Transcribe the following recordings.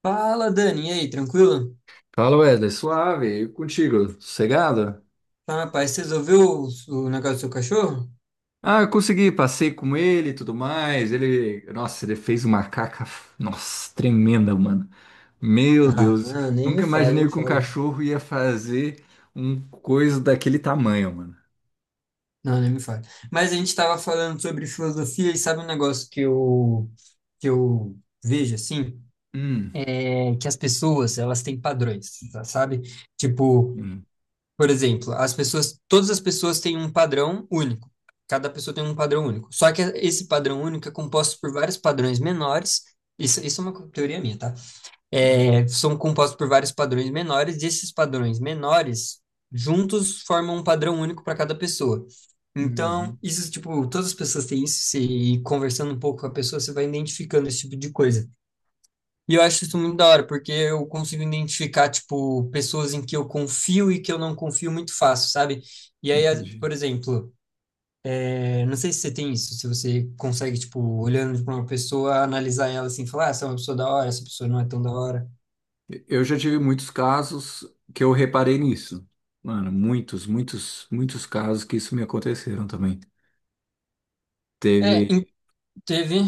Fala, Dani, e aí, tranquilo? Fala, Wesley, suave, e contigo, sossegado? Tá, rapaz, você resolveu o negócio do seu cachorro? Ah, eu consegui, passei com ele e tudo mais. Ele, nossa, ele fez uma caca, nossa, tremenda, mano. Meu Ah, Deus, não, nem me nunca fale, nem imaginei me que um fale. cachorro ia fazer um coisa daquele tamanho, mano. Não, nem me fale. Mas a gente tava falando sobre filosofia e sabe um negócio que eu vejo, assim? Hum, É que as pessoas, elas têm padrões, tá, sabe? Tipo, hum, por exemplo, as pessoas, todas as pessoas têm um padrão único. Cada pessoa tem um padrão único. Só que esse padrão único é composto por vários padrões menores. Isso é uma teoria minha, tá? ah, São compostos por vários padrões menores, e esses padrões menores juntos formam um padrão único para cada pessoa. Então, uhum, isso, tipo, todas as pessoas têm isso, e conversando um pouco com a pessoa, você vai identificando esse tipo de coisa. E eu acho isso muito da hora, porque eu consigo identificar, tipo, pessoas em que eu confio e que eu não confio muito fácil, sabe? E aí, entendi. por exemplo, não sei se você tem isso, se você consegue, tipo, olhando para uma pessoa, analisar ela assim, falar, ah, essa é uma pessoa da hora, essa pessoa não é tão da hora. Eu já tive muitos casos que eu reparei nisso. Mano, muitos, muitos, muitos casos que isso me aconteceram também. É, Teve. Teve.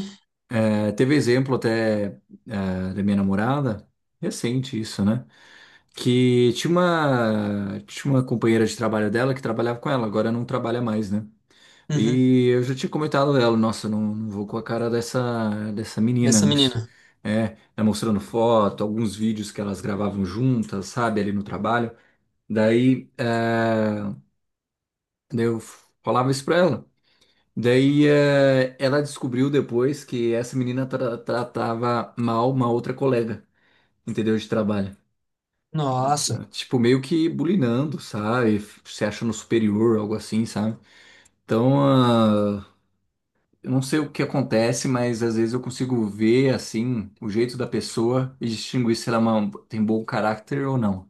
É, teve exemplo até da minha namorada, recente isso, né? Que tinha uma companheira de trabalho dela que trabalhava com ela, agora não trabalha mais, né? Uhum, E eu já tinha comentado dela, nossa, não, não vou com a cara dessa, dessa menina, dessa não, menina. é, ela mostrando foto, alguns vídeos que elas gravavam juntas, sabe, ali no trabalho. Daí, é, daí eu falava isso pra ela. Daí ela descobriu depois que essa menina tratava mal uma outra colega, entendeu? De trabalho. Nossa. Tipo, meio que bulinando, sabe? Se achando superior, algo assim, sabe? Então, ah, eu não sei o que acontece, mas às vezes eu consigo ver, assim, o jeito da pessoa e distinguir se ela é tem bom caráter ou não.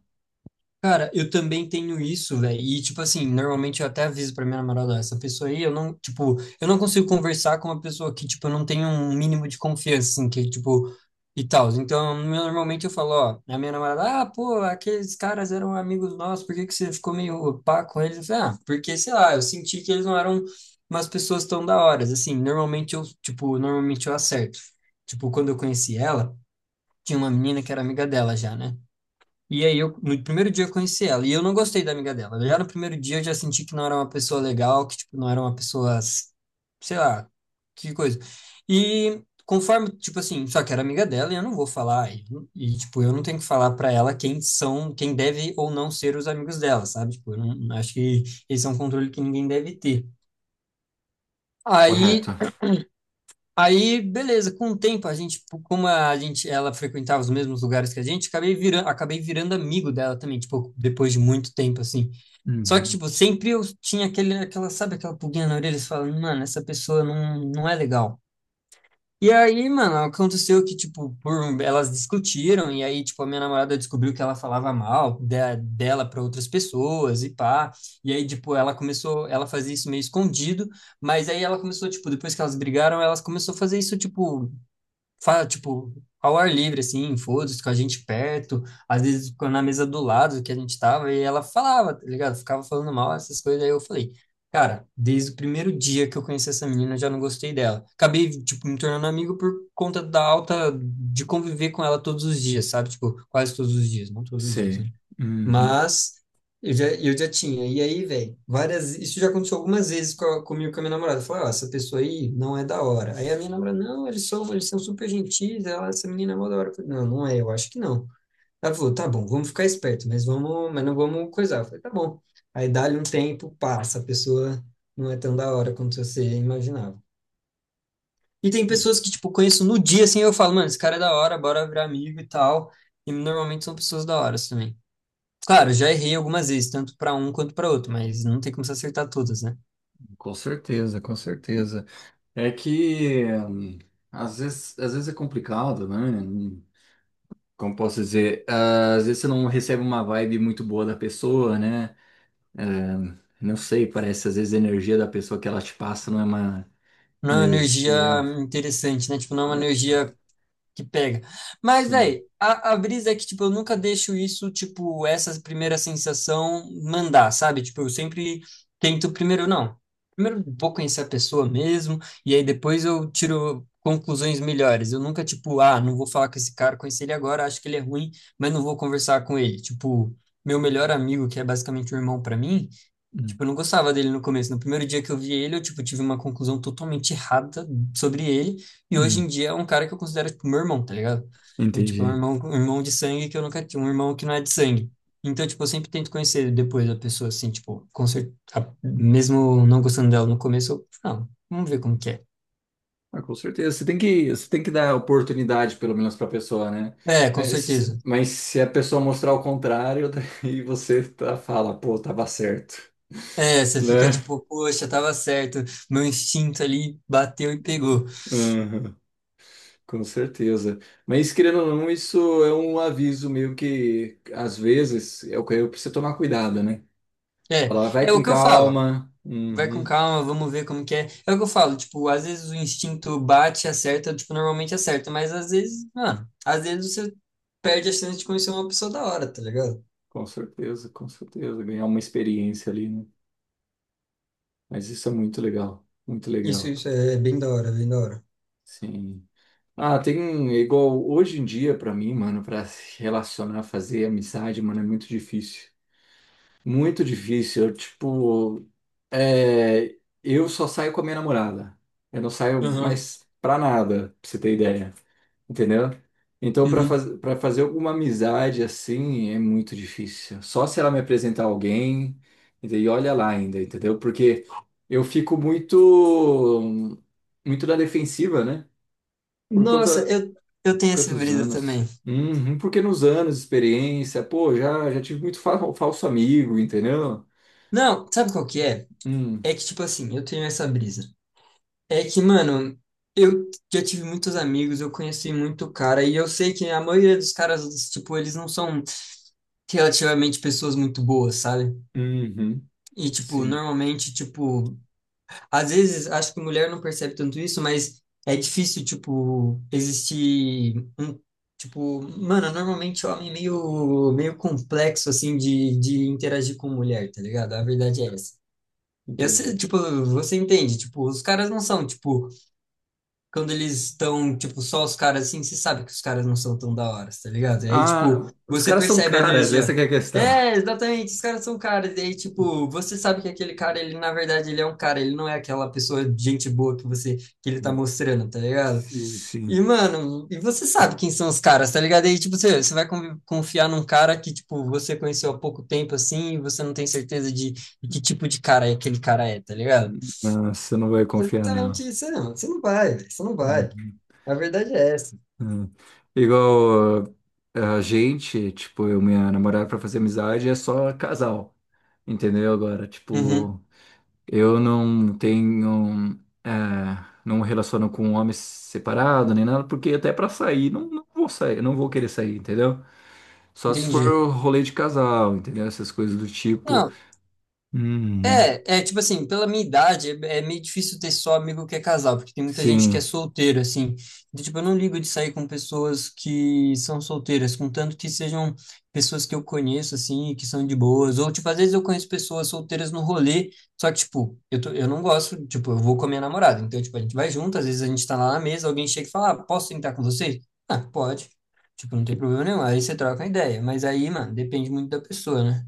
Cara, eu também tenho isso, velho. E, tipo assim, normalmente eu até aviso pra minha namorada, ó, essa pessoa aí, eu não, tipo, eu não consigo conversar com uma pessoa que, tipo, eu não tenho um mínimo de confiança, assim, que, tipo, e tal. Então, normalmente eu falo, ó, a minha namorada, ah, pô, aqueles caras eram amigos nossos, por que que você ficou meio pá com eles? Eu falei, ah, porque, sei lá, eu senti que eles não eram umas pessoas tão da hora, assim. Normalmente eu, tipo, normalmente eu acerto. Tipo, quando eu conheci ela, tinha uma menina que era amiga dela já, né? E aí, eu, no primeiro dia eu conheci ela, e eu não gostei da amiga dela. Já no primeiro dia eu já senti que não era uma pessoa legal, que, tipo, não era uma pessoa, sei lá, que coisa. E conforme, tipo assim, só que era amiga dela e eu não vou falar, e, tipo, eu não tenho que falar pra ela quem são, quem deve ou não ser os amigos dela, sabe? Tipo, eu não, acho que esse é um controle que ninguém deve ter. Aí Correto? Aí, beleza, com o tempo a gente, tipo, como a gente, ela frequentava os mesmos lugares que a gente, acabei virando amigo dela também, tipo, depois de muito tempo, assim. Só que, Uhum. tipo, sempre eu tinha sabe, aquela pulguinha na orelha, falando, mano, essa pessoa não é legal. E aí, mano, aconteceu que, tipo, por, elas discutiram, e aí, tipo, a minha namorada descobriu que ela falava dela para outras pessoas e pá. E aí, tipo, ela começou, ela fazia isso meio escondido, mas aí ela começou, tipo, depois que elas brigaram, elas começou a fazer isso, tipo, Fala, tipo, ao ar livre, assim, foda-se, com a gente perto, às vezes ficou na mesa do lado que a gente tava, e ela falava, tá ligado? Ficava falando mal, essas coisas, aí eu falei, cara, desde o primeiro dia que eu conheci essa menina, eu já não gostei dela. Acabei, tipo, me tornando amigo por conta da alta, de conviver com ela todos os dias, sabe? Tipo, quase todos os dias, não todos os dias, né? Sei. Uhum. Mas eu já tinha. E aí, velho, várias. Isso já aconteceu algumas vezes comigo e com a minha namorada. Eu falei, ó, essa pessoa aí não é da hora. Aí a minha namorada, não, eles são super gentis, ela, essa menina é mó da hora. Eu falei, não, não é, eu acho que não. Ela falou, tá bom, vamos ficar esperto, mas não vamos coisar. Eu falei, tá bom. Aí dá-lhe um tempo, passa, a pessoa não é tão da hora quanto você imaginava. E tem pessoas que, tipo, conheço no dia, assim, eu falo, mano, esse cara é da hora, bora virar amigo e tal. E normalmente são pessoas da hora assim, também. Claro, já errei algumas vezes, tanto para um quanto para outro, mas não tem como se acertar todas, né? Com certeza, com certeza. É que às vezes é complicado, né? Como posso dizer? Ah, às vezes você não recebe uma vibe muito boa da pessoa, né? É, não sei, parece às vezes a energia da pessoa que ela te passa não é uma Não é uma energia energia. interessante, né? Tipo, não é uma Né? energia que pega. Mas, Sim. velho, a brisa é que, tipo, eu nunca deixo isso, tipo, essa primeira sensação mandar, sabe? Tipo, eu sempre tento primeiro, não. Primeiro vou conhecer a pessoa mesmo, e aí depois eu tiro conclusões melhores. Eu nunca, tipo, ah, não vou falar com esse cara, conheci ele agora, acho que ele é ruim, mas não vou conversar com ele. Tipo, meu melhor amigo, que é basicamente um irmão para mim. Hum, Tipo, eu não gostava dele no começo. No primeiro dia que eu vi ele, eu, tipo, tive uma conclusão totalmente errada sobre ele. E hoje em hum, dia é um cara que eu considero, tipo, meu irmão, tá ligado? Eu, tipo, é entendi. Um irmão de sangue que eu nunca tive, um irmão que não é de sangue. Então, tipo, eu sempre tento conhecer depois a pessoa, assim, tipo, mesmo não gostando dela no começo, eu, não, vamos ver como que é. Ah, com certeza. Você tem que dar oportunidade, pelo menos, para a pessoa, né? É, com certeza. Mas se a pessoa mostrar o contrário, daí você tá, fala, pô, tava certo, É, você fica né? tipo, poxa, tava certo, meu instinto ali bateu e pegou. Uhum. Com certeza. Mas, querendo ou não, isso é um aviso meio que, às vezes, é o que eu preciso tomar cuidado, né? É, Falar, vai é o com que eu falo. calma. Vai com Uhum. calma, vamos ver como que é. É o que eu falo, tipo, às vezes o instinto bate, acerta, tipo, normalmente acerta, mas às vezes, mano, às vezes você perde a chance de conhecer uma pessoa da hora, tá ligado? Com certeza, com certeza. Ganhar uma experiência ali, né? Mas isso é muito legal, muito Isso, legal. isso é bem da hora, bem da hora. Sim. Ah, tem igual hoje em dia pra mim, mano, pra se relacionar, fazer amizade, mano, é muito difícil. Muito difícil. Eu, tipo, é, eu só saio com a minha namorada. Eu não saio Aham, mais pra nada, pra você ter ideia. Entendeu? Então, uhum. para fazer alguma amizade assim, é muito difícil. Só se ela me apresentar alguém, entendeu? E olha lá ainda, entendeu? Porque eu fico muito, muito na defensiva, né? Por Nossa, conta, eu tenho essa quantos brisa anos? também. Uhum, porque nos anos, de experiência, pô, já, já tive muito falso amigo, entendeu? Não, sabe qual que é? Hum, É que, tipo assim, eu tenho essa brisa. É que, mano, eu já tive muitos amigos, eu conheci muito cara, e eu sei que a maioria dos caras, tipo, eles não são relativamente pessoas muito boas, sabe? uhum, E, tipo, sim. normalmente, tipo, às vezes acho que mulher não percebe tanto isso, mas é difícil, tipo, existir um, tipo, mano, normalmente homem é meio complexo, assim, de interagir com mulher, tá ligado? A verdade é essa. Eu sei, Entendi. tipo, você entende, tipo, os caras não são, tipo, quando eles estão, tipo, só os caras assim, você sabe que os caras não são tão da hora, tá ligado? E aí, Ah, tipo, os você caras são percebe a caras, essa energia. que é a questão. É, exatamente, os caras são caras. E aí, tipo, você sabe que aquele cara, ele, na verdade, ele é um cara, ele não é aquela pessoa de gente boa que você, que ele tá mostrando, tá ligado? Sim, E, sim. mano, e você sabe quem são os caras, tá ligado? E aí, tipo, você vai confiar num cara que, tipo, você conheceu há pouco tempo, assim, e você não tem certeza de que tipo de cara é aquele cara é, tá ligado? Não, você não vai Foi confiar, não. justamente isso, não. Você não vai, velho, você não vai. Uhum. A verdade é essa. Uhum. Igual ah, a gente, tipo, eu e minha namorada pra fazer amizade é só casal, entendeu? Agora, Uhum, tipo, eu não tenho, é, não me relaciono com homens separado nem nada, porque até pra sair, não, não vou sair, não vou querer sair, entendeu? Só se entendi. for rolê de casal, entendeu? Essas coisas do tipo. Não, Uhum. é, é tipo assim, pela minha idade, é meio difícil ter só amigo que é casal, porque tem muita gente que é Sim. solteiro, assim. Então, tipo, eu não ligo de sair com pessoas que são solteiras, contanto que sejam pessoas que eu conheço, assim, e que são de boas. Ou, tipo, às vezes eu conheço pessoas solteiras no rolê, só que, tipo, eu não gosto, tipo, eu vou com a minha namorada. Então, tipo, a gente vai junto, às vezes a gente tá lá na mesa, alguém chega e fala, ah, posso sentar com você? Ah, pode. Tipo, não tem problema nenhum. Aí você troca uma ideia. Mas aí, mano, depende muito da pessoa, né?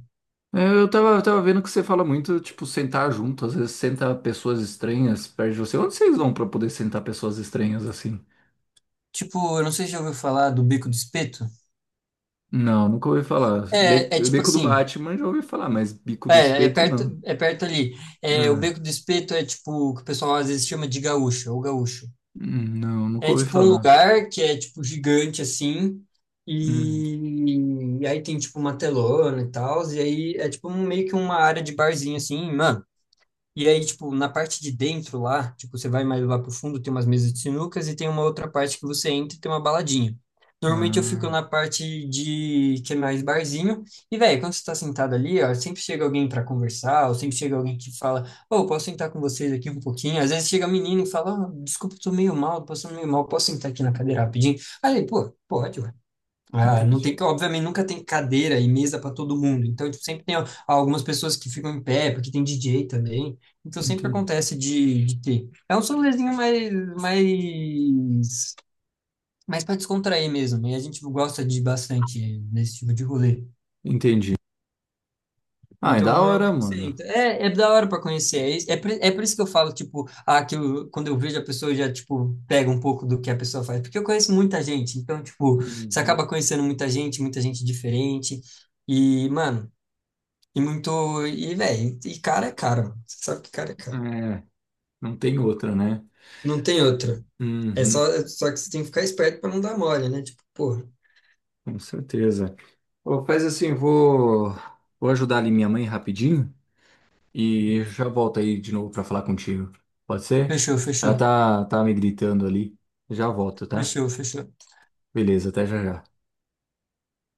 É, eu tava vendo que você fala muito, tipo, sentar junto. Às vezes senta pessoas estranhas perto de você. Onde vocês vão pra poder sentar pessoas estranhas assim? Tipo, eu não sei se já ouviu falar do Beco do Espeto. Não, nunca ouvi falar. É, é tipo Beco do assim, Batman já ouvi falar, mas bico do é, espeto não. é perto ali. É, o Ah, Beco do Espeto é tipo o que o pessoal às vezes chama de gaúcho, ou gaúcho. Não, nunca É ouvi tipo um falar. lugar que é tipo gigante assim, Hum, e aí tem tipo uma telona e tal, e aí é tipo meio que uma área de barzinho assim, mano. E aí, tipo, na parte de dentro lá, tipo, você vai mais lá pro fundo, tem umas mesas de sinucas e tem uma outra parte que você entra e tem uma baladinha. Normalmente eu fico ah, na parte de que é mais barzinho. E, velho, quando você tá sentado ali, ó, sempre chega alguém pra conversar, ou sempre chega alguém que fala, ô, posso sentar com vocês aqui um pouquinho? Às vezes chega menino e fala, ah, desculpa, tô meio mal, tô passando meio mal, posso sentar aqui na cadeira rapidinho? Aí, pô, pode, ah, não entendi. tem, obviamente, nunca tem cadeira e mesa para todo mundo. Então, tipo, sempre tem algumas pessoas que ficam em pé, porque tem DJ também. Então, sempre Entendi. acontece de ter. É um solezinho mais, mais, mais para descontrair mesmo. E a gente gosta de bastante desse tipo de rolê. Entendi. Ah, é Então, da hora, normalmente você mano. entra. É, é da hora pra conhecer. É por isso que eu falo, tipo, ah, quando eu vejo a pessoa, eu já, tipo, pega um pouco do que a pessoa faz. Porque eu conheço muita gente. Então, tipo, você Uhum. acaba conhecendo muita gente diferente. E, mano, e muito. E, velho, e cara é caro. Mano. Você sabe que cara é caro. É, não tem outra, né? Não tem outra. Uhum, É só que você tem que ficar esperto pra não dar mole, né? Tipo, pô, com certeza. Ô, faz assim, vou, vou ajudar ali minha mãe rapidinho. E eu já volto aí de novo pra falar contigo. Pode ser? fechou, Ela fechou. tá, tá me gritando ali. Já volto, tá? Fechou, fechou. Beleza, até já já.